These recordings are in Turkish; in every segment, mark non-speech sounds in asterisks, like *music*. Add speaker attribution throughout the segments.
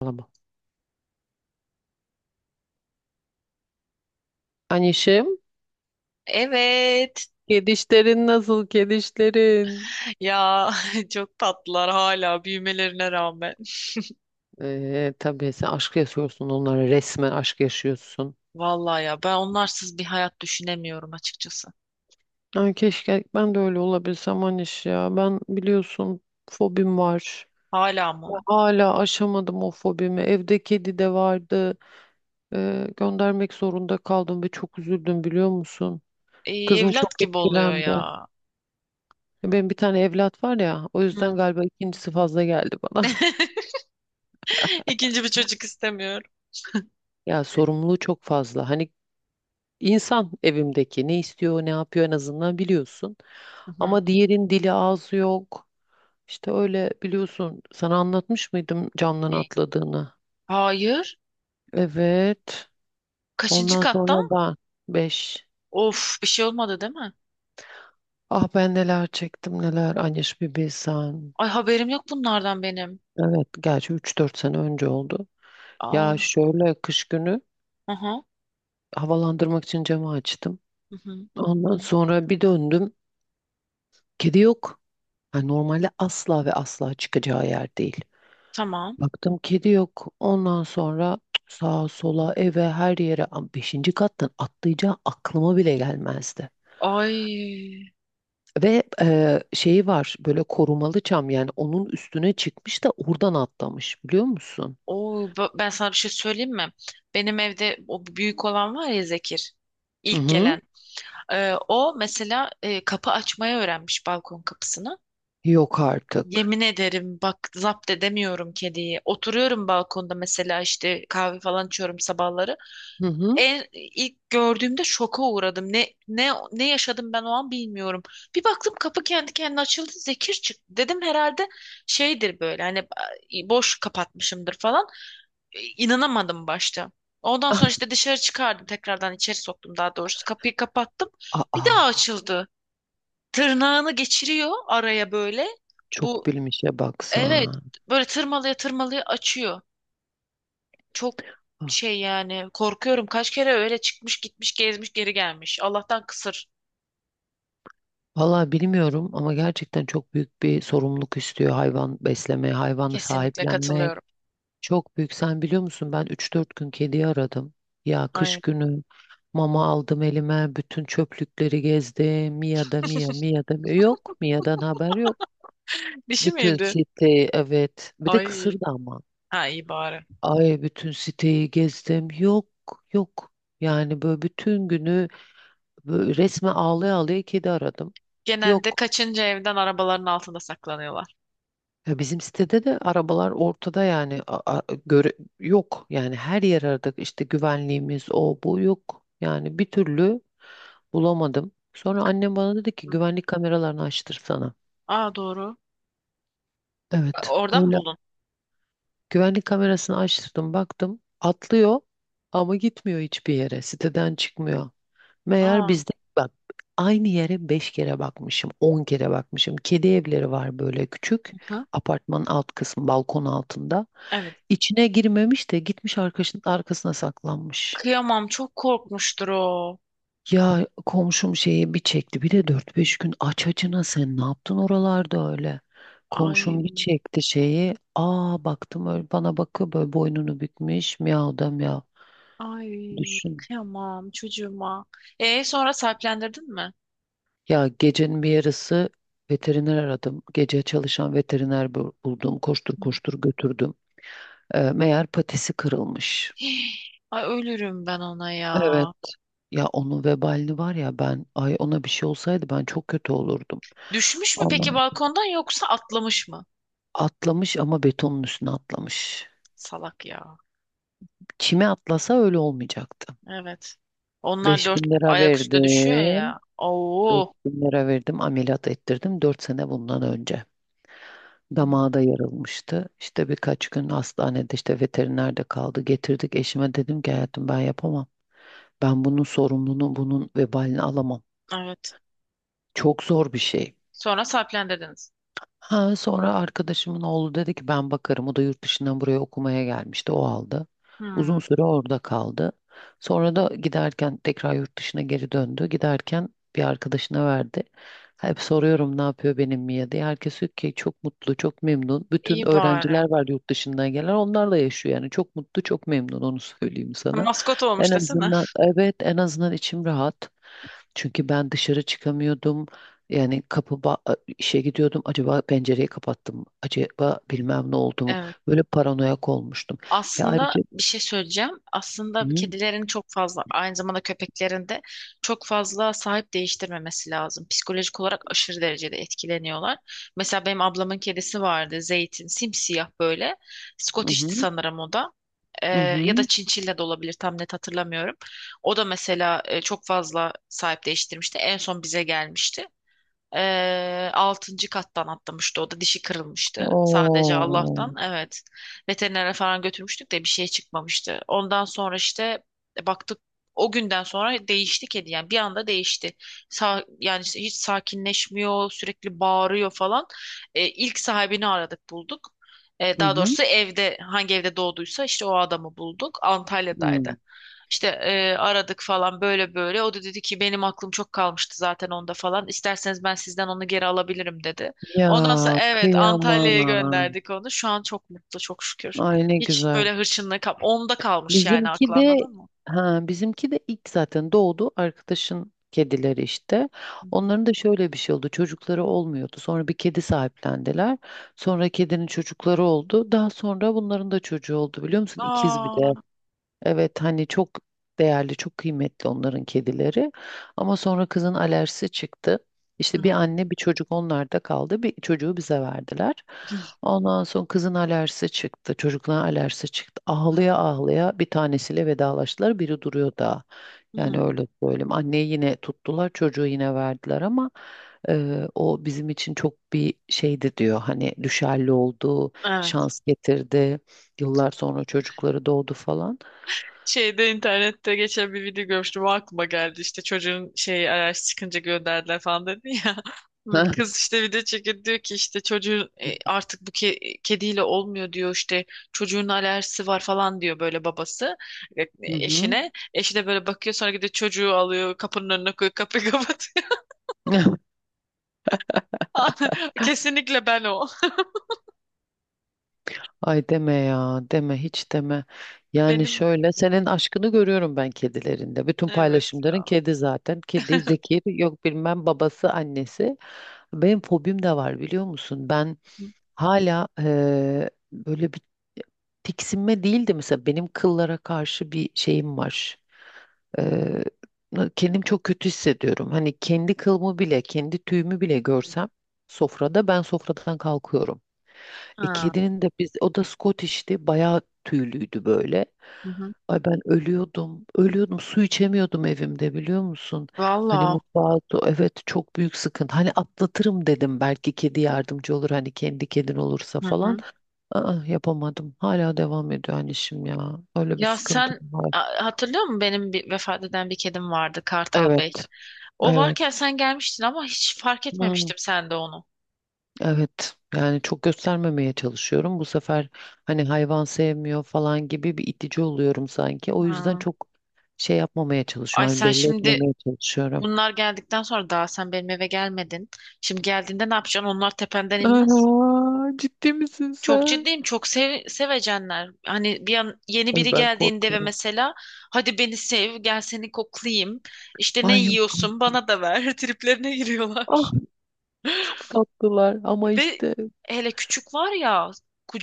Speaker 1: Saçmalama. Anişim,
Speaker 2: Evet.
Speaker 1: kedişlerin nasıl kedişlerin?
Speaker 2: Ya *laughs* çok tatlılar hala büyümelerine rağmen. *laughs*
Speaker 1: Tabii sen aşk yaşıyorsun onlara, resmen aşk yaşıyorsun.
Speaker 2: Vallahi ya ben onlarsız bir hayat düşünemiyorum açıkçası.
Speaker 1: Ay keşke ben de öyle olabilsem Aniş ya. Ben biliyorsun, fobim var.
Speaker 2: Hala mı?
Speaker 1: Hala aşamadım o fobimi. Evde kedi de vardı. Göndermek zorunda kaldım ve çok üzüldüm, biliyor musun? Kızım çok
Speaker 2: Evlat gibi oluyor
Speaker 1: etkilendi.
Speaker 2: ya.
Speaker 1: Benim bir tane evlat var ya, o yüzden
Speaker 2: Hı.
Speaker 1: galiba ikincisi fazla geldi bana. *laughs*
Speaker 2: *laughs* İkinci bir çocuk istemiyorum.
Speaker 1: Ya, sorumluluğu çok fazla. Hani İnsan evimdeki ne istiyor, ne yapıyor, en azından biliyorsun.
Speaker 2: Hı hı.
Speaker 1: Ama diğerin dili ağzı yok. İşte öyle, biliyorsun. Sana anlatmış mıydım camdan
Speaker 2: Ne?
Speaker 1: atladığını?
Speaker 2: Hayır.
Speaker 1: Evet.
Speaker 2: Kaçıncı
Speaker 1: Ondan
Speaker 2: katta?
Speaker 1: sonra ben 5.
Speaker 2: Of, bir şey olmadı değil mi?
Speaker 1: Ah, ben neler çektim neler. Anyaş, bir bilsen.
Speaker 2: Ay, haberim yok bunlardan benim.
Speaker 1: Evet, gerçi 3-4 sene önce oldu.
Speaker 2: Aa,
Speaker 1: Ya şöyle, kış günü
Speaker 2: aha,
Speaker 1: havalandırmak için camı açtım.
Speaker 2: hı hı.
Speaker 1: Ondan sonra bir döndüm. Kedi yok. Yani normalde asla ve asla çıkacağı yer değil.
Speaker 2: Tamam.
Speaker 1: Baktım kedi yok. Ondan sonra sağa sola eve her yere, beşinci kattan atlayacağı aklıma bile gelmezdi.
Speaker 2: Ay,
Speaker 1: Ve şeyi var, böyle korumalı çam, yani onun üstüne çıkmış da oradan atlamış, biliyor musun?
Speaker 2: oo, ben sana bir şey söyleyeyim mi? Benim evde o büyük olan var ya, Zekir.
Speaker 1: Hı
Speaker 2: İlk
Speaker 1: hı.
Speaker 2: gelen. O mesela, kapı açmayı öğrenmiş, balkon kapısını.
Speaker 1: Yok artık.
Speaker 2: Yemin ederim, bak, zapt edemiyorum kediyi. Oturuyorum balkonda mesela, işte kahve falan içiyorum sabahları.
Speaker 1: Hı hı.
Speaker 2: En ilk gördüğümde şoka uğradım. Ne ne ne yaşadım ben o an bilmiyorum. Bir baktım kapı kendi kendine açıldı. Zekir çıktı. Dedim herhalde şeydir böyle, hani boş kapatmışımdır falan, inanamadım başta. Ondan sonra
Speaker 1: *laughs*
Speaker 2: işte dışarı çıkardım, tekrardan içeri soktum, daha doğrusu kapıyı kapattım.
Speaker 1: Ah,
Speaker 2: Bir daha
Speaker 1: aa,
Speaker 2: açıldı. Tırnağını geçiriyor araya böyle.
Speaker 1: çok
Speaker 2: Bu,
Speaker 1: bilmişe
Speaker 2: evet,
Speaker 1: baksan.
Speaker 2: böyle tırmalaya tırmalaya açıyor. Çok
Speaker 1: Ah.
Speaker 2: şey yani, korkuyorum, kaç kere öyle çıkmış gitmiş gezmiş geri gelmiş. Allah'tan kısır.
Speaker 1: Vallahi bilmiyorum ama gerçekten çok büyük bir sorumluluk istiyor hayvan beslemeye, hayvanı
Speaker 2: Kesinlikle
Speaker 1: sahiplenmek.
Speaker 2: katılıyorum.
Speaker 1: Çok büyük. Sen biliyor musun, ben 3-4 gün kediyi aradım. Ya kış
Speaker 2: Ay.
Speaker 1: günü mama aldım elime. Bütün çöplükleri gezdim. Mia da Mia,
Speaker 2: *laughs*
Speaker 1: Mia da Mia. Yok. Mia'dan haber yok.
Speaker 2: Dişi
Speaker 1: Bütün
Speaker 2: miydi?
Speaker 1: siteyi, evet. Bir de
Speaker 2: Ay.
Speaker 1: kısırdı ama.
Speaker 2: Ha, iyi bari.
Speaker 1: Ay bütün siteyi gezdim. Yok, yok. Yani böyle bütün günü böyle resme ağlaya ağlaya kedi aradım.
Speaker 2: Genelde
Speaker 1: Yok.
Speaker 2: kaçınca evden arabaların altında saklanıyorlar.
Speaker 1: Ya bizim sitede de arabalar ortada yani, göre yok, yani her yer aradık, işte güvenliğimiz o bu, yok yani bir türlü bulamadım. Sonra annem bana dedi ki
Speaker 2: Hı.
Speaker 1: güvenlik kameralarını açtırsana.
Speaker 2: Aa, doğru.
Speaker 1: Evet
Speaker 2: Oradan mı
Speaker 1: öyle,
Speaker 2: buldun?
Speaker 1: güvenlik kamerasını açtırdım, baktım atlıyor ama gitmiyor hiçbir yere, siteden çıkmıyor. Meğer
Speaker 2: Aa.
Speaker 1: bizde bak, aynı yere 5 kere bakmışım, 10 kere bakmışım, kedi evleri var böyle küçük,
Speaker 2: Hı?
Speaker 1: apartmanın alt kısmı balkon altında.
Speaker 2: Evet.
Speaker 1: İçine girmemiş de gitmiş arkadaşının arkasına saklanmış.
Speaker 2: Kıyamam. Çok korkmuştur o.
Speaker 1: Ya komşum şeyi bir çekti. Bir de 4-5 gün aç açına sen ne yaptın oralarda öyle? Komşum bir
Speaker 2: Ay,
Speaker 1: çekti şeyi. Aa, baktım öyle bana bakıyor böyle, boynunu bükmüş. Miyav da miyav.
Speaker 2: ay,
Speaker 1: Düşün.
Speaker 2: kıyamam çocuğuma. E sonra sahiplendirdin mi?
Speaker 1: Ya gecenin bir yarısı veteriner aradım. Gece çalışan veteriner buldum. Koştur
Speaker 2: Hı.
Speaker 1: koştur götürdüm. Meğer patisi kırılmış.
Speaker 2: Hii, ay ölürüm ben ona ya.
Speaker 1: Evet. Ya onun vebalini var ya, ben ay, ona bir şey olsaydı ben çok kötü olurdum.
Speaker 2: Düşmüş mü peki
Speaker 1: Allah'ım.
Speaker 2: balkondan, yoksa atlamış mı?
Speaker 1: Atlamış ama betonun üstüne atlamış.
Speaker 2: Salak ya.
Speaker 1: Kime atlasa öyle olmayacaktı.
Speaker 2: Evet. Onlar
Speaker 1: Beş
Speaker 2: dört
Speaker 1: bin lira
Speaker 2: ayak üstüne düşüyor
Speaker 1: verdim.
Speaker 2: ya.
Speaker 1: beş
Speaker 2: Oo.
Speaker 1: bin lira verdim. Ameliyat ettirdim 4 sene bundan önce.
Speaker 2: Hı.
Speaker 1: Damağı da yarılmıştı. İşte birkaç gün hastanede, işte veterinerde kaldı. Getirdik, eşime dedim ki hayatım ben yapamam. Ben bunun sorumluluğunu, bunun vebalini alamam.
Speaker 2: Evet.
Speaker 1: Çok zor bir şey.
Speaker 2: Sonra sahiplendirdiniz.
Speaker 1: Ha, sonra arkadaşımın oğlu dedi ki ben bakarım. O da yurt dışından buraya okumaya gelmişti. O aldı. Uzun
Speaker 2: Hı.
Speaker 1: süre orada kaldı. Sonra da giderken tekrar yurt dışına geri döndü. Giderken bir arkadaşına verdi. Hep soruyorum ne yapıyor benim Mia diye. Herkes diyor ki çok mutlu, çok memnun. Bütün
Speaker 2: İyi bari.
Speaker 1: öğrenciler var yurt dışından gelen. Onlarla yaşıyor yani. Çok mutlu, çok memnun, onu *laughs* söyleyeyim sana.
Speaker 2: Maskot
Speaker 1: En
Speaker 2: olmuş desene.
Speaker 1: azından, evet en azından içim rahat. Çünkü ben dışarı çıkamıyordum. Yani İşe gidiyordum. Acaba pencereyi kapattım mı? Acaba bilmem ne oldu mu?
Speaker 2: Evet.
Speaker 1: Böyle paranoyak olmuştum. Ve
Speaker 2: Aslında
Speaker 1: ayrıca.
Speaker 2: bir şey söyleyeceğim. Aslında
Speaker 1: Hı
Speaker 2: kedilerin çok fazla, aynı zamanda köpeklerin de çok fazla sahip değiştirmemesi lazım. Psikolojik olarak aşırı derecede etkileniyorlar. Mesela benim ablamın kedisi vardı, Zeytin, simsiyah böyle. Scottish'ti
Speaker 1: hı,
Speaker 2: sanırım o da. Ee,
Speaker 1: hı hı.
Speaker 2: ya da Çinçilla da olabilir, tam net hatırlamıyorum. O da mesela, çok fazla sahip değiştirmişti. En son bize gelmişti. Altıncı kattan atlamıştı o da, dişi kırılmıştı sadece,
Speaker 1: Oo.
Speaker 2: Allah'tan, evet, veterinere falan götürmüştük de bir şey çıkmamıştı. Ondan sonra işte, baktık, o günden sonra değişti kedi, yani bir anda değişti. Sa yani işte hiç sakinleşmiyor, sürekli bağırıyor falan. İlk sahibini aradık, bulduk.
Speaker 1: Hı
Speaker 2: Daha
Speaker 1: hı.
Speaker 2: doğrusu evde, hangi evde doğduysa işte o adamı bulduk,
Speaker 1: Hı.
Speaker 2: Antalya'daydı. İşte aradık falan, böyle böyle. O da dedi ki benim aklım çok kalmıştı zaten onda falan. İsterseniz ben sizden onu geri alabilirim dedi.
Speaker 1: Ya
Speaker 2: Ondan sonra evet, Antalya'ya
Speaker 1: kıyamam.
Speaker 2: gönderdik onu. Şu an çok mutlu, çok şükür.
Speaker 1: Ay ne
Speaker 2: Hiç
Speaker 1: güzel.
Speaker 2: böyle hırçınlığı kal onda kalmış yani,
Speaker 1: Bizimki
Speaker 2: aklı,
Speaker 1: de,
Speaker 2: anladın mı?
Speaker 1: ha, bizimki de ilk zaten doğdu arkadaşın kedileri işte.
Speaker 2: Hı hı.
Speaker 1: Onların da şöyle bir şey oldu. Çocukları olmuyordu. Sonra bir kedi sahiplendiler. Sonra kedinin çocukları oldu. Daha sonra bunların da çocuğu oldu, biliyor musun? İkiz bir de.
Speaker 2: Aa.
Speaker 1: Evet, hani çok değerli, çok kıymetli onların kedileri. Ama sonra kızın alerjisi çıktı. İşte bir
Speaker 2: Hmm.
Speaker 1: anne bir çocuk onlarda kaldı. Bir çocuğu bize verdiler.
Speaker 2: *laughs*
Speaker 1: Ondan sonra kızın alerjisi çıktı. Çocukların alerjisi çıktı.
Speaker 2: Hı.
Speaker 1: Ağlaya ağlaya bir tanesiyle vedalaştılar. Biri duruyor daha. Yani öyle söyleyeyim. Anneyi yine tuttular. Çocuğu yine verdiler ama o bizim için çok bir şeydi diyor. Hani düşerli oldu,
Speaker 2: Evet.
Speaker 1: şans getirdi. Yıllar sonra çocukları doğdu falan.
Speaker 2: Şeyde, internette geçen bir video görmüştüm, o aklıma geldi, işte çocuğun şey, araç çıkınca gönderdiler falan dedi ya. *laughs*
Speaker 1: Heh.
Speaker 2: Kız işte video çekiyor, diyor ki işte çocuğun, artık bu kediyle olmuyor diyor işte, çocuğun alerjisi var falan diyor böyle babası, e,
Speaker 1: Hı hı.
Speaker 2: eşine, eşi de böyle bakıyor, sonra gidiyor çocuğu alıyor, kapının önüne koyuyor, kapıyı *laughs* kapatıyor.
Speaker 1: *laughs*
Speaker 2: *laughs* Kesinlikle ben o,
Speaker 1: Ay deme ya, deme hiç deme. Yani
Speaker 2: benim,
Speaker 1: şöyle senin aşkını görüyorum ben kedilerinde. Bütün
Speaker 2: evet
Speaker 1: paylaşımların
Speaker 2: ya.
Speaker 1: kedi zaten. Kedi zeki, yok bilmem babası, annesi. Benim fobim de var, biliyor musun? Ben
Speaker 2: Hı.
Speaker 1: hala böyle bir tiksinme değildi, mesela benim kıllara karşı bir şeyim var. Eee Kendim çok kötü hissediyorum. Hani kendi kılımı bile, kendi tüyümü bile görsem, sofrada ben sofradan kalkıyorum.
Speaker 2: Ha.
Speaker 1: Kedinin de biz, o da Scottish'ti. Bayağı tüylüydü böyle.
Speaker 2: Hı hı.
Speaker 1: Ay ben ölüyordum. Ölüyordum. Su içemiyordum evimde, biliyor musun? Hani
Speaker 2: Valla.
Speaker 1: mutfağı, evet çok büyük sıkıntı. Hani atlatırım dedim, belki kedi yardımcı olur, hani kendi kedin olursa falan. Aa, yapamadım. Hala devam ediyor hani ya. Öyle bir
Speaker 2: Ya
Speaker 1: sıkıntım
Speaker 2: sen,
Speaker 1: var.
Speaker 2: hatırlıyor musun benim bir vefat eden bir kedim vardı, Kartal Bey.
Speaker 1: Evet.
Speaker 2: O
Speaker 1: Evet.
Speaker 2: varken sen gelmiştin ama hiç fark
Speaker 1: Hmm.
Speaker 2: etmemiştim sen de onu.
Speaker 1: Evet yani çok göstermemeye çalışıyorum. Bu sefer hani hayvan sevmiyor falan gibi bir itici oluyorum sanki. O yüzden
Speaker 2: Ha.
Speaker 1: çok şey yapmamaya
Speaker 2: Ay
Speaker 1: çalışıyorum. Hani
Speaker 2: sen
Speaker 1: belli
Speaker 2: şimdi,
Speaker 1: etmemeye çalışıyorum.
Speaker 2: bunlar geldikten sonra daha sen benim eve gelmedin. Şimdi geldiğinde ne yapacaksın? Onlar tependen inmez.
Speaker 1: Aa, ciddi misin
Speaker 2: Çok
Speaker 1: sen?
Speaker 2: ciddiyim. Çok sev, sevecenler. Hani bir an yeni
Speaker 1: Ay
Speaker 2: biri
Speaker 1: ben
Speaker 2: geldiğinde ve
Speaker 1: korkuyorum.
Speaker 2: mesela, hadi beni sev, gel seni koklayayım. İşte ne
Speaker 1: Ay yok
Speaker 2: yiyorsun,
Speaker 1: artık.
Speaker 2: bana da ver. *laughs* Triplerine giriyorlar.
Speaker 1: Ah, çok tatlılar ama
Speaker 2: Ve
Speaker 1: işte,
Speaker 2: hele küçük var ya,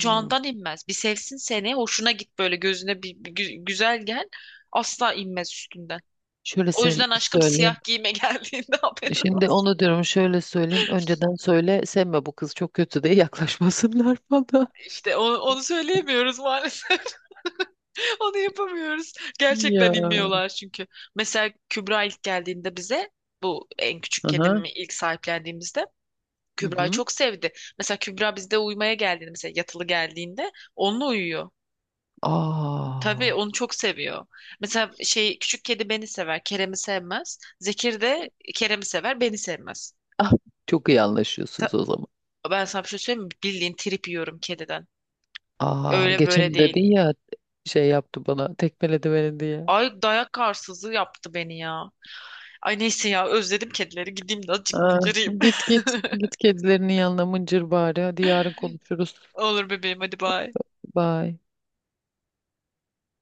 Speaker 1: hmm,
Speaker 2: inmez. Bir sevsin seni, hoşuna git böyle, gözüne bir, bir güzel gel. Asla inmez üstünden.
Speaker 1: şöyle
Speaker 2: O
Speaker 1: sev-
Speaker 2: yüzden aşkım,
Speaker 1: söyleyeyim.
Speaker 2: siyah giyime *laughs* geldiğinde haberin
Speaker 1: Şimdi
Speaker 2: olsun.
Speaker 1: onu diyorum, şöyle söyleyeyim. Önceden söyle sevme, bu kız çok kötü diye *laughs* yaklaşmasınlar bana.
Speaker 2: İşte onu, onu söyleyemiyoruz maalesef. *laughs* Onu yapamıyoruz. Gerçekten
Speaker 1: Ya.
Speaker 2: inmiyorlar çünkü. Mesela Kübra ilk geldiğinde bize, bu en küçük
Speaker 1: Aha.
Speaker 2: kedimi ilk sahiplendiğimizde,
Speaker 1: Hı
Speaker 2: Kübra'yı
Speaker 1: hı.
Speaker 2: çok sevdi. Mesela Kübra bizde uyumaya geldiğinde, mesela yatılı geldiğinde, onunla uyuyor. Tabii
Speaker 1: Aa.
Speaker 2: onu çok seviyor. Mesela şey, küçük kedi beni sever, Kerem'i sevmez. Zekir de Kerem'i sever, beni sevmez.
Speaker 1: Ah, çok iyi anlaşıyorsunuz
Speaker 2: Ta-
Speaker 1: o zaman.
Speaker 2: ben sana bir şey söyleyeyim mi? Bildiğin trip yiyorum kediden.
Speaker 1: Aa,
Speaker 2: Öyle böyle
Speaker 1: geçen dedin
Speaker 2: değil.
Speaker 1: ya şey yaptı bana, tekmeledi beni diye.
Speaker 2: Ay, dayak arsızı yaptı beni ya. Ay neyse ya, özledim kedileri. Gideyim de azıcık
Speaker 1: Aa,
Speaker 2: mıncırayım.
Speaker 1: git git
Speaker 2: *laughs*
Speaker 1: git kedilerinin yanına mıncır bari. Hadi yarın konuşuruz.
Speaker 2: Olur bebeğim, hadi bay.
Speaker 1: Bye.